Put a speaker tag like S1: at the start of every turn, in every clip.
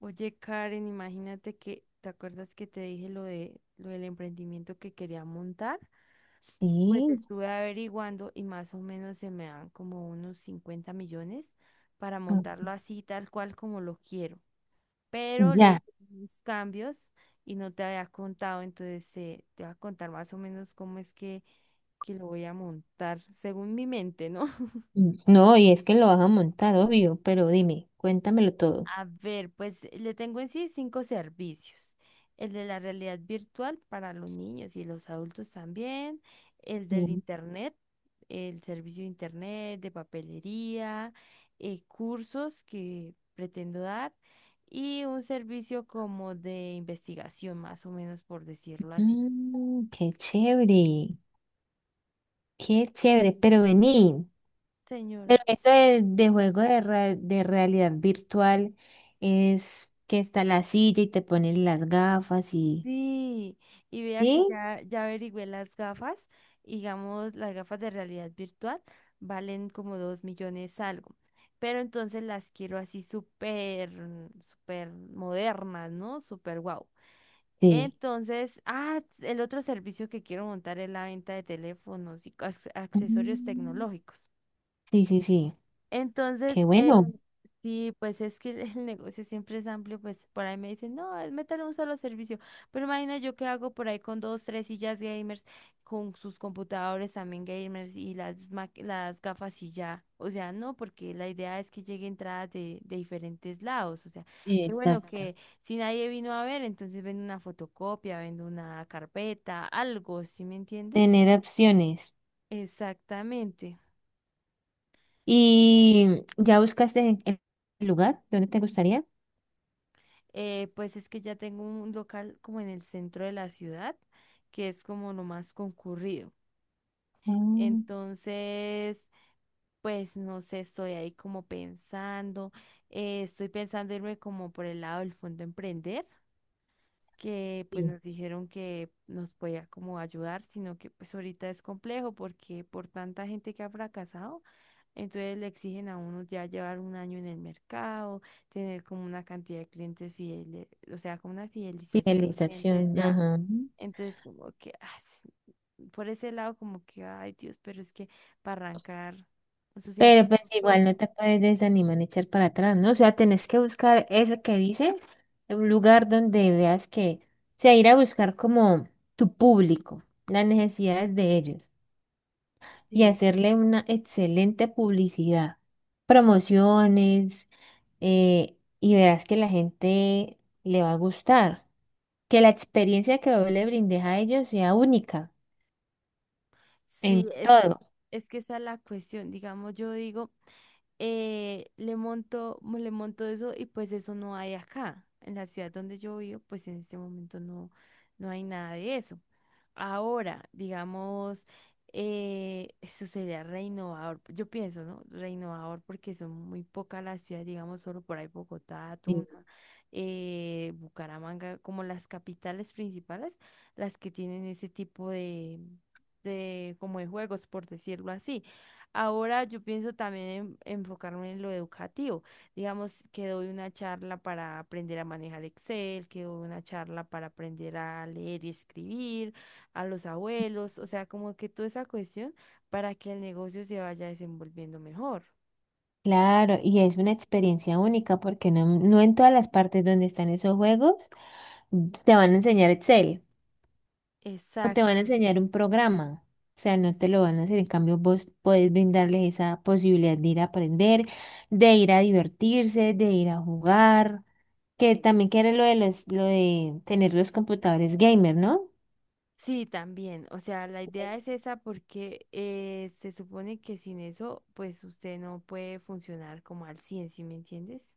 S1: Oye, Karen, imagínate que, ¿te acuerdas que te dije lo del emprendimiento que quería montar? Pues
S2: Sí,
S1: estuve averiguando y más o menos se me dan como unos 50 millones para montarlo
S2: ok,
S1: así, tal cual como lo quiero. Pero le
S2: ya.
S1: hice unos cambios y no te había contado, entonces te voy a contar más o menos cómo es que lo voy a montar según mi mente, ¿no?
S2: No, y es que lo vas a montar, obvio, pero dime, cuéntamelo todo.
S1: A ver, pues le tengo en sí cinco servicios. El de la realidad virtual para los niños y los adultos también. El del
S2: Y,
S1: internet, el servicio de internet, de papelería, cursos que pretendo dar y un servicio como de investigación, más o menos por decirlo así.
S2: Mm, qué chévere, pero vení.
S1: Señora.
S2: Pero eso de realidad virtual es que está la silla y te ponen las gafas y...
S1: Sí, y vea que
S2: ¿Sí?
S1: ya averigüé las gafas, y digamos, las gafas de realidad virtual valen como 2 millones algo, pero entonces las quiero así súper, súper modernas, ¿no? Súper guau.
S2: Sí.
S1: Entonces, el otro servicio que quiero montar es la venta de teléfonos y accesorios
S2: Mm,
S1: tecnológicos.
S2: sí, sí, sí. Qué
S1: Entonces,
S2: bueno.
S1: sí, pues es que el negocio siempre es amplio, pues por ahí me dicen, no, es meter un solo servicio, pero imagina yo qué hago por ahí con dos, tres sillas gamers, con sus computadores también gamers y las, las gafas y ya, o sea, no, porque la idea es que llegue entradas de diferentes lados, o sea, qué bueno
S2: Exacto.
S1: que si nadie vino a ver, entonces vendo una fotocopia, vendo una carpeta, algo, ¿sí me entiendes?
S2: Tener opciones.
S1: Exactamente.
S2: ¿Y ya buscaste el lugar? ¿Dónde te gustaría?
S1: Pues es que ya tengo un local como en el centro de la ciudad, que es como lo más concurrido.
S2: Ah,
S1: Entonces, pues no sé, estoy ahí como pensando, estoy pensando irme como por el lado del fondo emprender, que pues
S2: sí.
S1: nos dijeron que nos podía como ayudar, sino que pues ahorita es complejo porque por tanta gente que ha fracasado, entonces le exigen a uno ya llevar un año en el mercado, tener como una cantidad de clientes fieles, o sea, como una fidelización de clientes
S2: Finalización,
S1: ya.
S2: ajá.
S1: Entonces como que sí, por ese lado como que, ay Dios, pero es que para arrancar, eso siempre
S2: Pero
S1: es
S2: pues igual
S1: costoso.
S2: no te puedes desanimar ni echar para atrás, ¿no? O sea, tenés que buscar eso que dice un lugar donde veas que, o sea, ir a buscar como tu público, las necesidades de ellos y
S1: Sí,
S2: hacerle una excelente publicidad, promociones, y verás que la gente le va a gustar, que la experiencia que vos le brindes a ellos sea única en
S1: sí,
S2: todo.
S1: es que esa es la cuestión. Digamos, yo digo, le monto, le monto eso y pues eso no hay acá. En la ciudad donde yo vivo, pues en este momento no, no hay nada de eso. Ahora, digamos, eso sería reinnovador. Yo pienso, ¿no? Reinnovador porque son muy pocas las ciudades, digamos, solo por ahí Bogotá, Tuna, Bucaramanga, como las capitales principales, las que tienen ese tipo de, como de juegos, por decirlo así. Ahora yo pienso también en enfocarme en lo educativo. Digamos que doy una charla para aprender a manejar Excel, que doy una charla para aprender a leer y escribir, a los abuelos, o sea, como que toda esa cuestión para que el negocio se vaya desenvolviendo mejor.
S2: Claro, y es una experiencia única porque no, no en todas las partes donde están esos juegos mm, te van a enseñar Excel o te van a
S1: Exacto.
S2: enseñar un programa. O sea, no te lo van a hacer. En cambio, vos podés brindarles esa posibilidad de ir a aprender, de ir a divertirse, de ir a jugar, que también quiere lo de los, lo de tener los computadores gamer, ¿no?
S1: Sí, también. O sea, la idea
S2: Es-
S1: es esa porque se supone que sin eso, pues usted no puede funcionar como al 100, ¿sí me entiendes?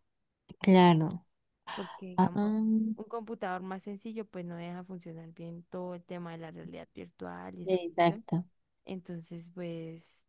S2: Claro.
S1: Porque
S2: Ah,
S1: digamos,
S2: ah,
S1: un computador más sencillo pues no deja funcionar bien todo el tema de la realidad virtual y esa cuestión.
S2: exacto.
S1: Entonces, pues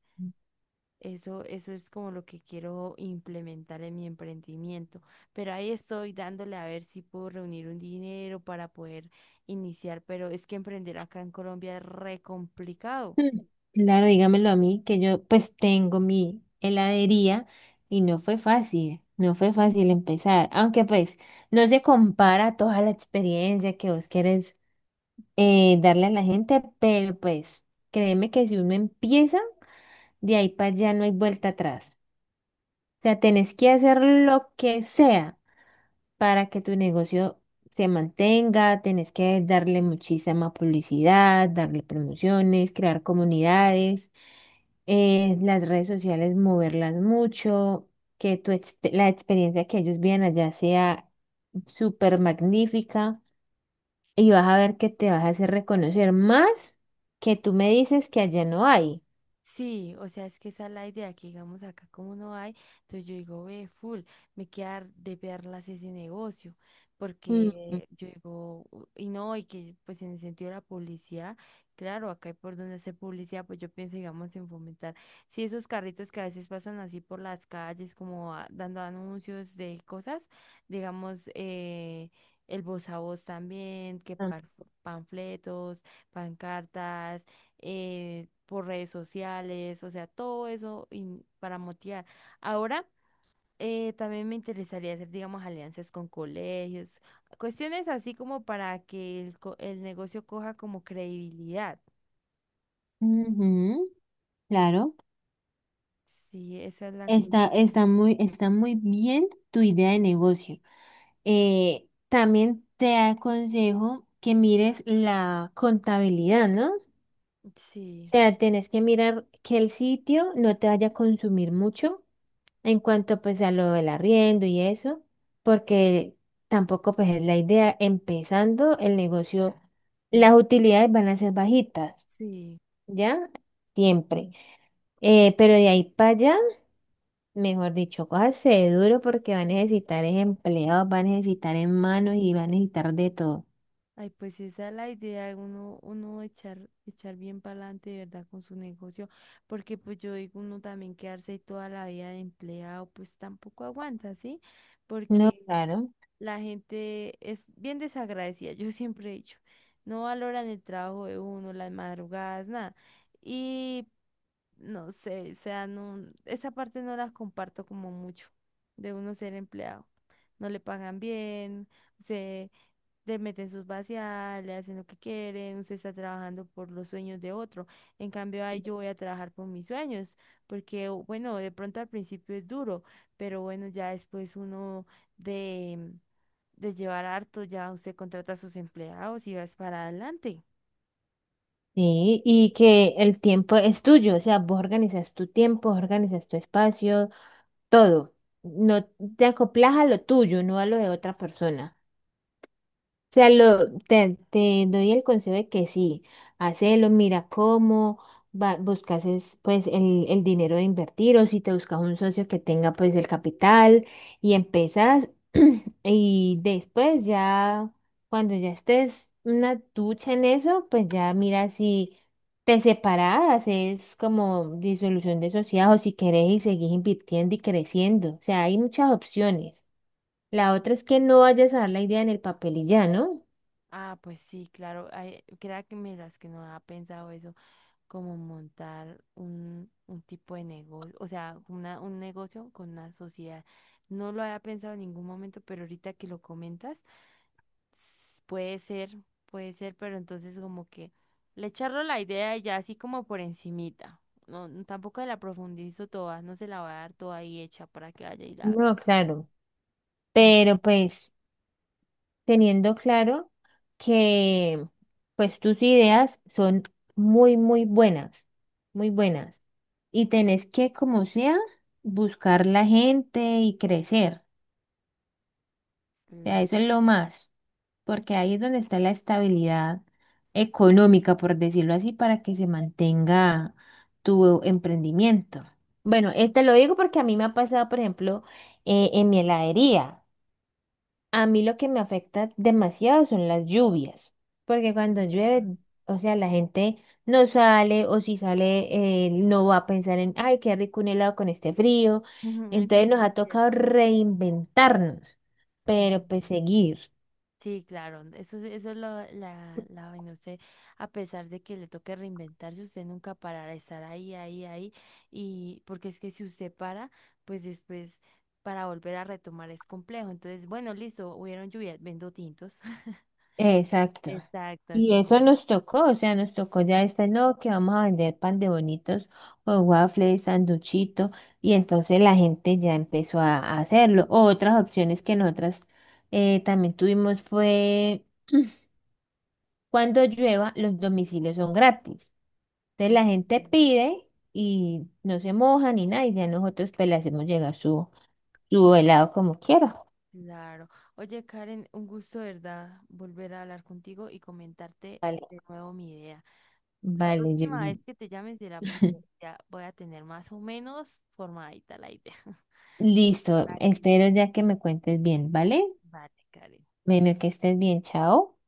S1: eso es como lo que quiero implementar en mi emprendimiento. Pero ahí estoy dándole a ver si puedo reunir un dinero para poder iniciar, pero es que emprender acá en Colombia es re complicado.
S2: Mm, claro, dígamelo a mí, que yo pues tengo mi heladería y no fue fácil, no fue fácil empezar, aunque pues no se compara toda la experiencia que vos quieres darle a la gente, pero pues créeme que si uno empieza, de ahí para allá no hay vuelta atrás. O sea, tenés que hacer lo que sea para que tu negocio se mantenga, tenés que darle muchísima publicidad, darle promociones, crear comunidades, las redes sociales, moverlas mucho, que la experiencia que ellos viven allá sea súper magnífica, y vas a ver que te vas a hacer reconocer más, que tú me dices que allá no hay.
S1: Sí, o sea, es que esa es la idea, que digamos acá como no hay, entonces yo digo, ve, full, me queda de verlas ese negocio,
S2: Mm,
S1: porque yo digo, "U- y no, y que pues en el sentido de la publicidad, claro, acá hay por donde hacer publicidad, pues yo pienso, digamos, en fomentar, sí, esos carritos que a veces pasan así por las calles, como dando anuncios de cosas, digamos, el voz a voz también, que
S2: ah,
S1: panfletos, pancartas por redes sociales, o sea, todo eso para motivar. Ahora, también me interesaría hacer, digamos, alianzas con colegios, cuestiones así como para que el, el negocio coja como credibilidad.
S2: ujú, claro,
S1: Sí, esa es la
S2: está,
S1: cuestión.
S2: está muy bien tu idea de negocio. También te aconsejo que mires la contabilidad, ¿no? O
S1: Sí,
S2: sea, tenés que mirar que el sitio no te vaya a consumir mucho en cuanto pues a lo del arriendo y eso, porque tampoco pues es la idea, empezando el negocio, las utilidades van a ser bajitas,
S1: sí.
S2: ¿ya? Siempre. Pero de ahí para allá, mejor dicho, cójase duro porque va a necesitar es empleados, va a necesitar en manos y va a necesitar de todo.
S1: Ay, pues sí, esa es la idea, uno, uno echar, echar bien para adelante, de ¿verdad? Con su negocio, porque pues yo digo, uno también quedarse ahí toda la vida de empleado, pues tampoco aguanta, ¿sí?
S2: No,
S1: Porque
S2: claro.
S1: la gente es bien desagradecida, yo siempre he dicho, no valoran el trabajo de uno, las madrugadas, nada. Y no sé, o sea, no, esa parte no la comparto como mucho de uno ser empleado. No le pagan bien, le meten sus vaciadas, le hacen lo que quieren, usted está trabajando por los sueños de otro. En cambio, ahí yo voy a trabajar por mis sueños, porque bueno, de pronto al principio es duro, pero bueno, ya después uno de, de llevar harto, ya usted contrata a sus empleados y vas para adelante.
S2: Sí, y que el tiempo es tuyo, o sea, vos organizas tu tiempo, organizas tu espacio, todo. No te acoplas a lo tuyo, no a lo de otra persona, sea, te doy el consejo de que sí, hacelo, mira cómo va, buscas es, pues el dinero de invertir, o si te buscas un socio que tenga pues el capital, y empezás y después ya cuando ya estés una ducha en eso, pues ya mira si te separás, es como disolución de sociedad, o si querés y seguís invirtiendo y creciendo, o sea, hay muchas opciones. La otra es que no vayas a dar la idea en el papel y ya, ¿no?
S1: Ah, pues sí, claro. Ay, crea que me las que no ha pensado eso, como montar un tipo de negocio, o sea, una, un negocio con una sociedad. No lo había pensado en ningún momento, pero ahorita que lo comentas, s- puede ser, puede ser, pero entonces como que le echarlo la idea y ya así como por encimita. No, no, tampoco la profundizo toda, no se la voy a dar toda ahí hecha para que vaya y la haga. Y-
S2: No, claro,
S1: Mm.
S2: pero pues teniendo claro que pues tus ideas son muy, muy buenas, muy buenas. Y tenés que, como sea, buscar la gente y crecer. O sea,
S1: Claro.
S2: eso es lo más, porque ahí es donde está la estabilidad económica, por decirlo así, para que se mantenga tu emprendimiento. Bueno, te lo digo porque a mí me ha pasado, por ejemplo, en mi heladería. A mí lo que me afecta demasiado son las lluvias, porque cuando llueve,
S1: Ah.
S2: o sea, la gente no sale, o si sale no va a pensar en, ay, qué rico un helado con este frío.
S1: Eso
S2: Entonces nos
S1: sí es
S2: ha tocado
S1: cierto.
S2: reinventarnos, pero pues
S1: Mm.
S2: seguir.
S1: Sí, claro, eso, eso es lo, la vaina. Usted, a pesar de que le toque reinventarse, usted nunca parará, estar ahí, ahí, ahí. Y porque es que si usted para, pues después para volver a retomar es complejo. Entonces, bueno, listo, hubieron lluvias, vendo tintos.
S2: Exacto.
S1: Exacto, así
S2: Y eso
S1: mismo.
S2: nos tocó, o sea, nos tocó ya este, no, que vamos a vender pan de bonitos o waffles, sanduchito, y entonces la gente ya empezó a hacerlo. O otras opciones que nosotras también tuvimos fue, cuando llueva, los domicilios son gratis. Entonces la gente
S1: Ujú.
S2: pide y no se moja ni nada, y ya nosotros pues le hacemos llegar su helado como quiera.
S1: Claro. Oye, Karen, un gusto, ¿verdad? Volver a hablar contigo y comentarte
S2: Vale,
S1: de nuevo mi idea. La
S2: vale,
S1: próxima vez
S2: Yuli.
S1: que te llames será porque ya voy a tener más o menos formadita la idea.
S2: Listo,
S1: Vale.
S2: espero ya que me cuentes bien, ¿vale?
S1: Vale, Karen.
S2: Bueno, que estés bien, chao.